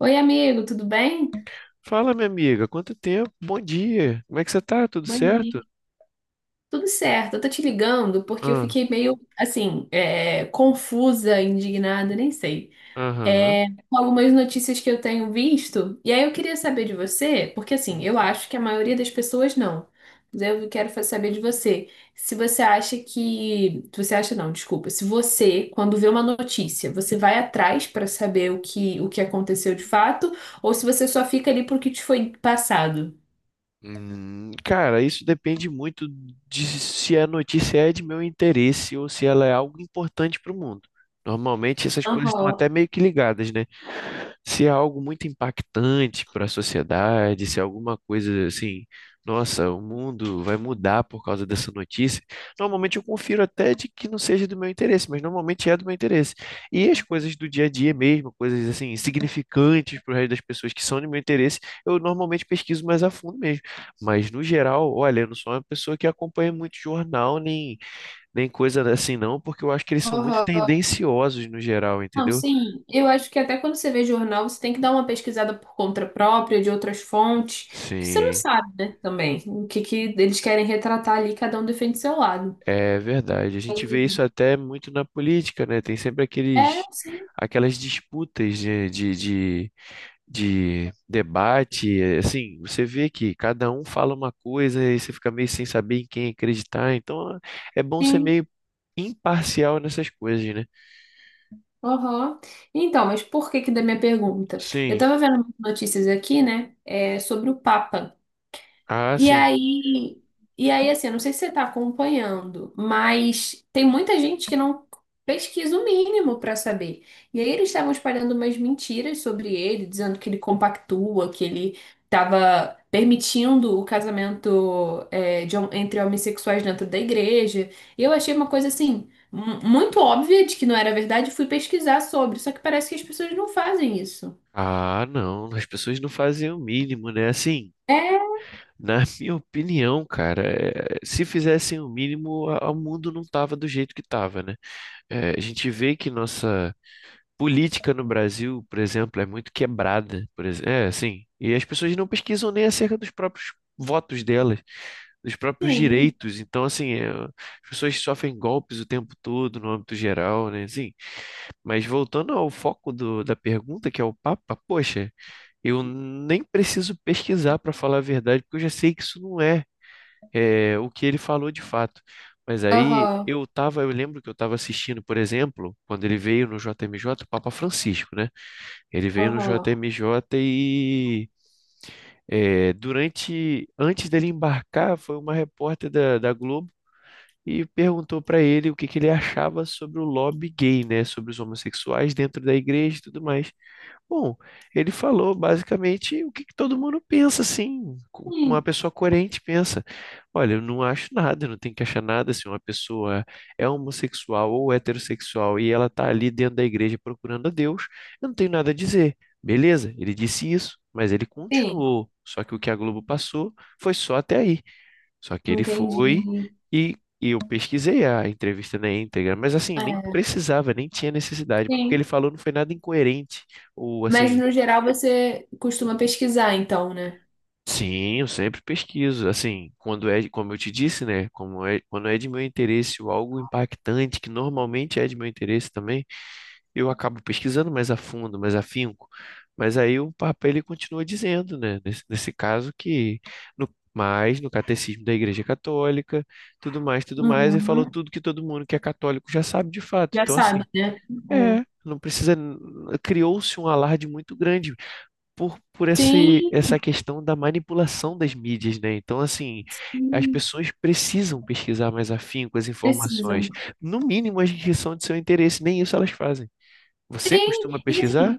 Oi, amigo, tudo bem? Fala, minha amiga, quanto tempo? Bom dia. Como é que você tá? Tudo Bom dia. certo? Tudo certo. Eu tô te ligando porque eu Ah, fiquei meio, assim, confusa, indignada, nem sei. aham. Com algumas notícias que eu tenho visto. E aí eu queria saber de você, porque assim, Hum. eu acho que a maioria das pessoas não. Mas eu quero saber de você. Se você acha que. Se você acha não, desculpa. Se você, quando vê uma notícia, você vai atrás pra saber o que aconteceu de fato, ou se você só fica ali porque te foi passado. Cara, isso depende muito de se a notícia é de meu interesse ou se ela é algo importante para o mundo. Normalmente essas coisas estão Aham. até meio que ligadas, né? Se é algo muito impactante para a sociedade, se é alguma coisa assim, nossa, o mundo vai mudar por causa dessa notícia, normalmente eu confiro até de que não seja do meu interesse, mas normalmente é do meu interesse. E as coisas do dia a dia mesmo, coisas assim, insignificantes para o resto das pessoas que são do meu interesse, eu normalmente pesquiso mais a fundo mesmo. Mas no geral, olha, eu não sou uma pessoa que acompanha muito jornal, nem coisa assim não, porque eu acho que eles são muito Aham. tendenciosos no geral, Não, entendeu? sim. Eu acho que até quando você vê jornal, você tem que dar uma pesquisada por conta própria, de outras fontes, que você não Sim. sabe, né, também, o que que eles querem retratar ali, cada um defende seu lado. É verdade. A gente vê E- isso até muito na política, né? Tem sempre É, aqueles, sim, aquelas disputas de debate. Assim, você vê que cada um fala uma coisa e você fica meio sem saber em quem acreditar. Então, é bom ser sim. meio imparcial nessas coisas, né? Aham. Então, mas por que que da minha pergunta? Eu Sim. tava vendo umas notícias aqui, né, sobre o Papa. Ah, E sim. aí, e aí, assim, eu não sei se você está acompanhando, mas tem muita gente que não pesquisa o mínimo para saber. E aí eles estavam espalhando umas mentiras sobre ele, dizendo que ele compactua, que ele estava permitindo o casamento de entre homossexuais dentro da igreja. E eu achei uma coisa assim. Muito óbvia de que não era verdade, e fui pesquisar sobre, só que parece que as pessoas não fazem isso. Ah, não. As pessoas não fazem o mínimo, né? Assim, É, na minha opinião, cara, se fizessem o mínimo, o mundo não tava do jeito que tava, né? É, a gente vê que nossa política no Brasil, por exemplo, é muito quebrada, por exemplo. É, assim. E as pessoas não pesquisam nem acerca dos próprios votos delas, dos próprios sim. direitos. Então, assim, é, as pessoas sofrem golpes o tempo todo no âmbito geral, né? Assim, mas voltando ao foco da pergunta, que é o Papa, poxa, eu nem preciso pesquisar para falar a verdade, porque eu já sei que isso não é é, o que ele falou de fato. Mas aí Aham, eu tava, eu lembro que eu estava assistindo, por exemplo, quando ele veio no JMJ, o Papa Francisco, né? Ele veio no aham. JMJ e é, durante, antes dele embarcar, foi uma repórter da Globo e perguntou para ele o que que ele achava sobre o lobby gay, né? Sobre os homossexuais dentro da igreja e tudo mais. Bom, ele falou basicamente o que, que todo mundo pensa, assim, uma Sim, pessoa coerente pensa. Olha, eu não acho nada, eu não tem que achar nada. Se uma pessoa é homossexual ou heterossexual e ela está ali dentro da igreja procurando a Deus, eu não tenho nada a dizer. Beleza, ele disse isso, mas ele sim. continuou. Só que o que a Globo passou foi só até aí. Só que ele Entendi. foi e, e eu pesquisei a entrevista na íntegra, mas assim, nem É, precisava, nem tinha necessidade, porque sim. ele falou não foi nada incoerente, ou Mas assim, no geral você costuma pesquisar, então, né? sim, eu sempre pesquiso, assim, quando é, como eu te disse, né, como é, quando é de meu interesse ou algo impactante, que normalmente é de meu interesse também, eu acabo pesquisando mais a fundo, mais afinco, mas aí o Papa ele continua dizendo, né, nesse caso que no mais no catecismo da Igreja Católica, tudo mais, e falou Uhum. tudo que todo mundo que é católico já sabe de fato. Já Então sabe, assim, né? É. é, não precisa, criou-se um alarde muito grande por esse, Sim, essa questão da manipulação das mídias, né? Então assim, as sim, pessoas precisam pesquisar mais afinco as precisam. informações, no mínimo as que são de seu interesse, nem isso elas fazem. Você Sim, costuma e pesquisar? assim,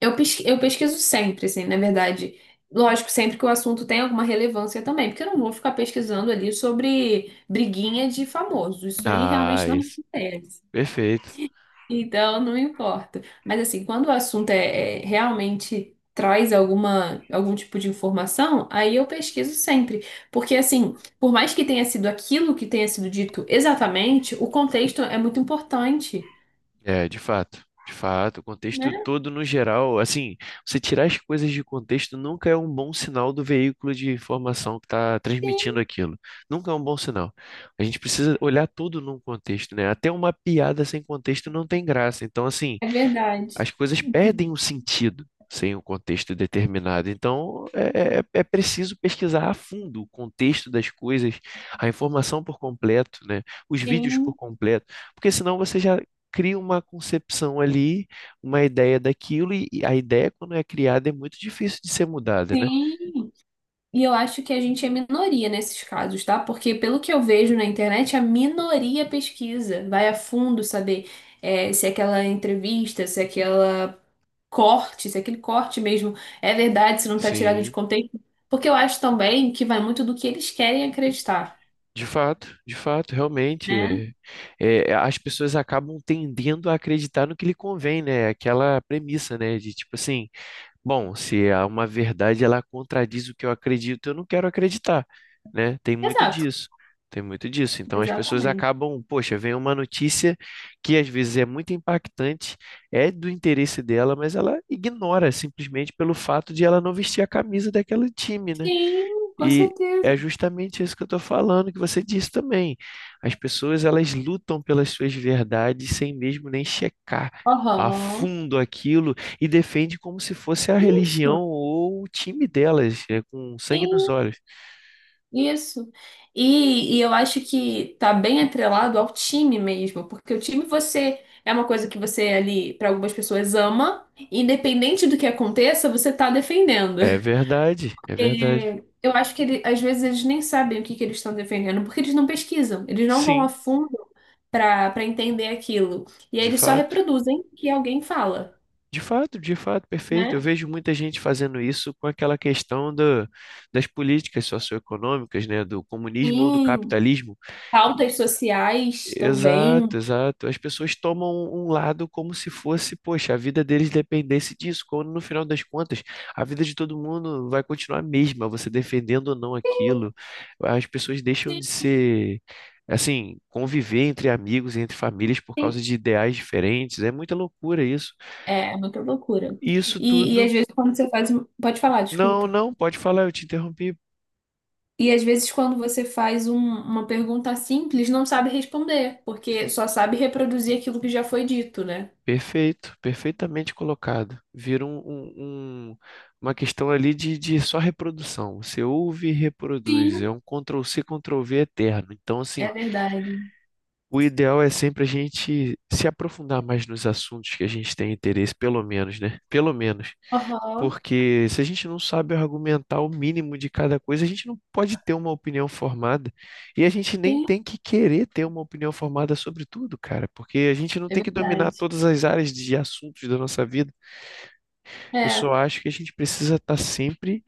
eu pesquiso sempre, assim, na verdade. Lógico, sempre que o assunto tem alguma relevância também, porque eu não vou ficar pesquisando ali sobre briguinha de famoso. Isso aí Ah, realmente não me isso. interessa. Perfeito. Então, não importa. Mas assim, quando o assunto é, realmente traz alguma algum tipo de informação, aí eu pesquiso sempre, porque assim, por mais que tenha sido aquilo que tenha sido dito exatamente, o contexto é muito importante, É, de fato. De fato, o contexto né? todo no geral, assim, você tirar as coisas de contexto nunca é um bom sinal do veículo de informação que está Sim, transmitindo aquilo. Nunca é um bom sinal. A gente precisa olhar tudo num contexto, né? Até uma piada sem contexto não tem graça. Então, assim, é verdade. as coisas perdem o sentido sem o contexto determinado. Então, é preciso pesquisar a fundo o contexto das coisas, a informação por completo, né? Os vídeos por Sim, completo, porque senão você já cria uma concepção ali, uma ideia daquilo, e a ideia, quando é criada, é muito difícil de ser mudada, né? sim. E eu acho que a gente é minoria nesses casos, tá? Porque pelo que eu vejo na internet, a minoria pesquisa, vai a fundo saber se é aquela entrevista, se é aquela corte, se aquele corte mesmo é verdade, se não está tirado de Sim, contexto, porque eu acho também que vai muito do que eles querem acreditar, de fato, realmente. né? É, as pessoas acabam tendendo a acreditar no que lhe convém, né? Aquela premissa, né? De tipo assim. Bom, se há uma verdade, ela contradiz o que eu acredito, eu não quero acreditar, né? Tem muito Exato, disso. Tem muito disso. Então as pessoas exatamente. acabam, poxa, vem uma notícia que às vezes é muito impactante, é do interesse dela, mas ela ignora simplesmente pelo fato de ela não vestir a camisa daquele time, né? Sim, com E certeza. é justamente isso que eu estou falando, que você disse também. As pessoas, elas lutam pelas suas verdades sem mesmo nem checar a Aham. fundo aquilo e defende como se fosse a Isso, religião ou o time delas, é, com sangue nos sim, olhos. isso. E, eu acho que tá bem atrelado ao time mesmo, porque o time você é uma coisa que você ali, para algumas pessoas, ama, independente do que aconteça, você tá defendendo. É verdade, é verdade. Eu acho que ele, às vezes eles nem sabem o que que eles estão defendendo, porque eles não pesquisam, eles não vão a Sim, fundo para entender aquilo. E aí de eles só fato. reproduzem o que alguém fala, De fato, de fato, perfeito. Eu né? vejo muita gente fazendo isso com aquela questão das políticas socioeconômicas, né, do comunismo ou do Sim. capitalismo. Pautas sociais também. Exato, exato. As pessoas tomam um lado como se fosse, poxa, a vida deles dependesse disso, quando no final das contas, a vida de todo mundo vai continuar a mesma, você defendendo ou não aquilo. As pessoas deixam de Sim. ser, assim, conviver entre amigos, entre famílias por causa Sim. de ideais diferentes. É muita loucura isso. É muita loucura. E isso E, às tudo. vezes quando você faz. Pode falar, Não, desculpa. não, pode falar, eu te interrompi. E às vezes quando você faz uma pergunta simples, não sabe responder, porque só sabe reproduzir aquilo que já foi dito, né? Perfeito, perfeitamente colocado. Vira um- uma questão ali de só reprodução. Você ouve e reproduz. É Sim. um Ctrl C Ctrl+C, V eterno. Então, assim, É verdade. o ideal é sempre a gente se aprofundar mais nos assuntos que a gente tem interesse, pelo menos, né? Pelo menos. Aham. Porque se a gente não sabe argumentar o mínimo de cada coisa, a gente não pode ter uma opinião formada. E a gente nem Tem. tem que querer ter uma opinião formada sobre tudo, cara, porque a gente não É tem que dominar verdade. todas as áreas de assuntos da nossa vida. Eu É, só acho que a gente precisa estar sempre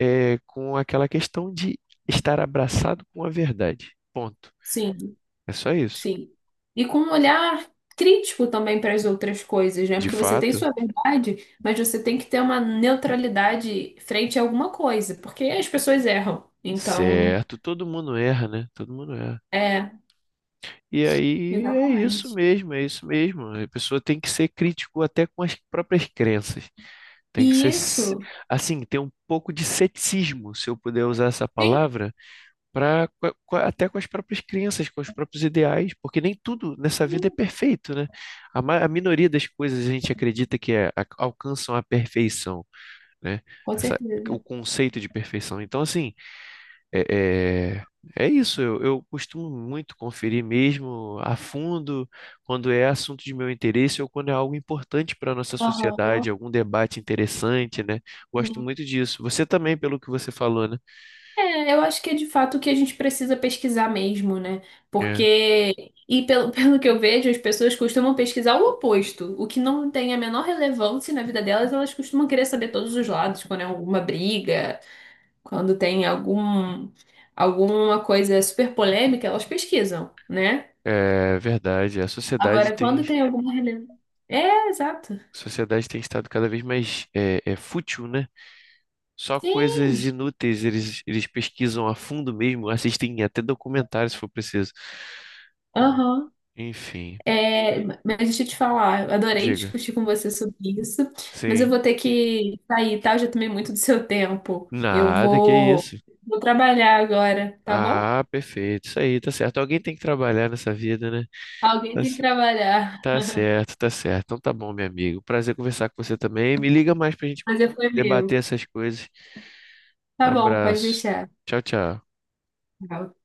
com aquela questão de estar abraçado com a verdade. Ponto. sim, É só isso. sim. E com um olhar crítico também para as outras coisas, né? De Porque você tem fato, sua verdade, mas você tem que ter uma neutralidade frente a alguma coisa, porque as pessoas erram. Então, certo, todo mundo erra, né? Todo mundo erra. é, E aí é isso exatamente. mesmo, é isso mesmo. A pessoa tem que ser crítico até com as próprias crenças. Tem que ser, E s- isso assim, ter um pouco de ceticismo, se eu puder usar essa tem, palavra, para até com as próprias crenças, com os próprios ideais, porque nem tudo nessa vida é sim, perfeito, né? A minoria das coisas a gente acredita que é, alcançam a perfeição, né? com Essa- o certeza. conceito de perfeição. Então, assim é, é, é isso, eu costumo muito conferir mesmo a fundo quando é assunto de meu interesse ou quando é algo importante para a nossa Aham. sociedade, algum debate interessante, né? Gosto muito disso. Você também, pelo que você falou, né? É, eu acho que é de fato o que a gente precisa pesquisar mesmo, né? É, Porque, e pelo, pelo que eu vejo, as pessoas costumam pesquisar o oposto. O que não tem a menor relevância na vida delas, elas costumam querer saber todos os lados, quando é alguma briga, quando tem algum, alguma coisa super polêmica, elas pesquisam, né? é verdade, Agora, quando tem alguma relevância. É, exato. a sociedade tem estado cada vez mais fútil, né? Só coisas Sim. inúteis, eles pesquisam a fundo mesmo, assistem até documentários se for preciso. Aham. Enfim, É, mas deixa eu te falar, eu adorei diga. discutir com você sobre isso, mas eu Sim. vou ter que sair, tá? Eu já tomei muito do seu tempo. Nada, que isso. Vou trabalhar agora, tá bom? Ah, perfeito. Isso aí, tá certo. Alguém tem que trabalhar nessa vida, né? Alguém Tá, tem que c- trabalhar. tá certo, tá certo. Então tá bom, meu amigo. Prazer conversar com você também. Me liga mais pra gente Mas é foi meu. debater essas coisas. Tá bom, pode Abraço. deixar. Tchau, tchau. Tchau.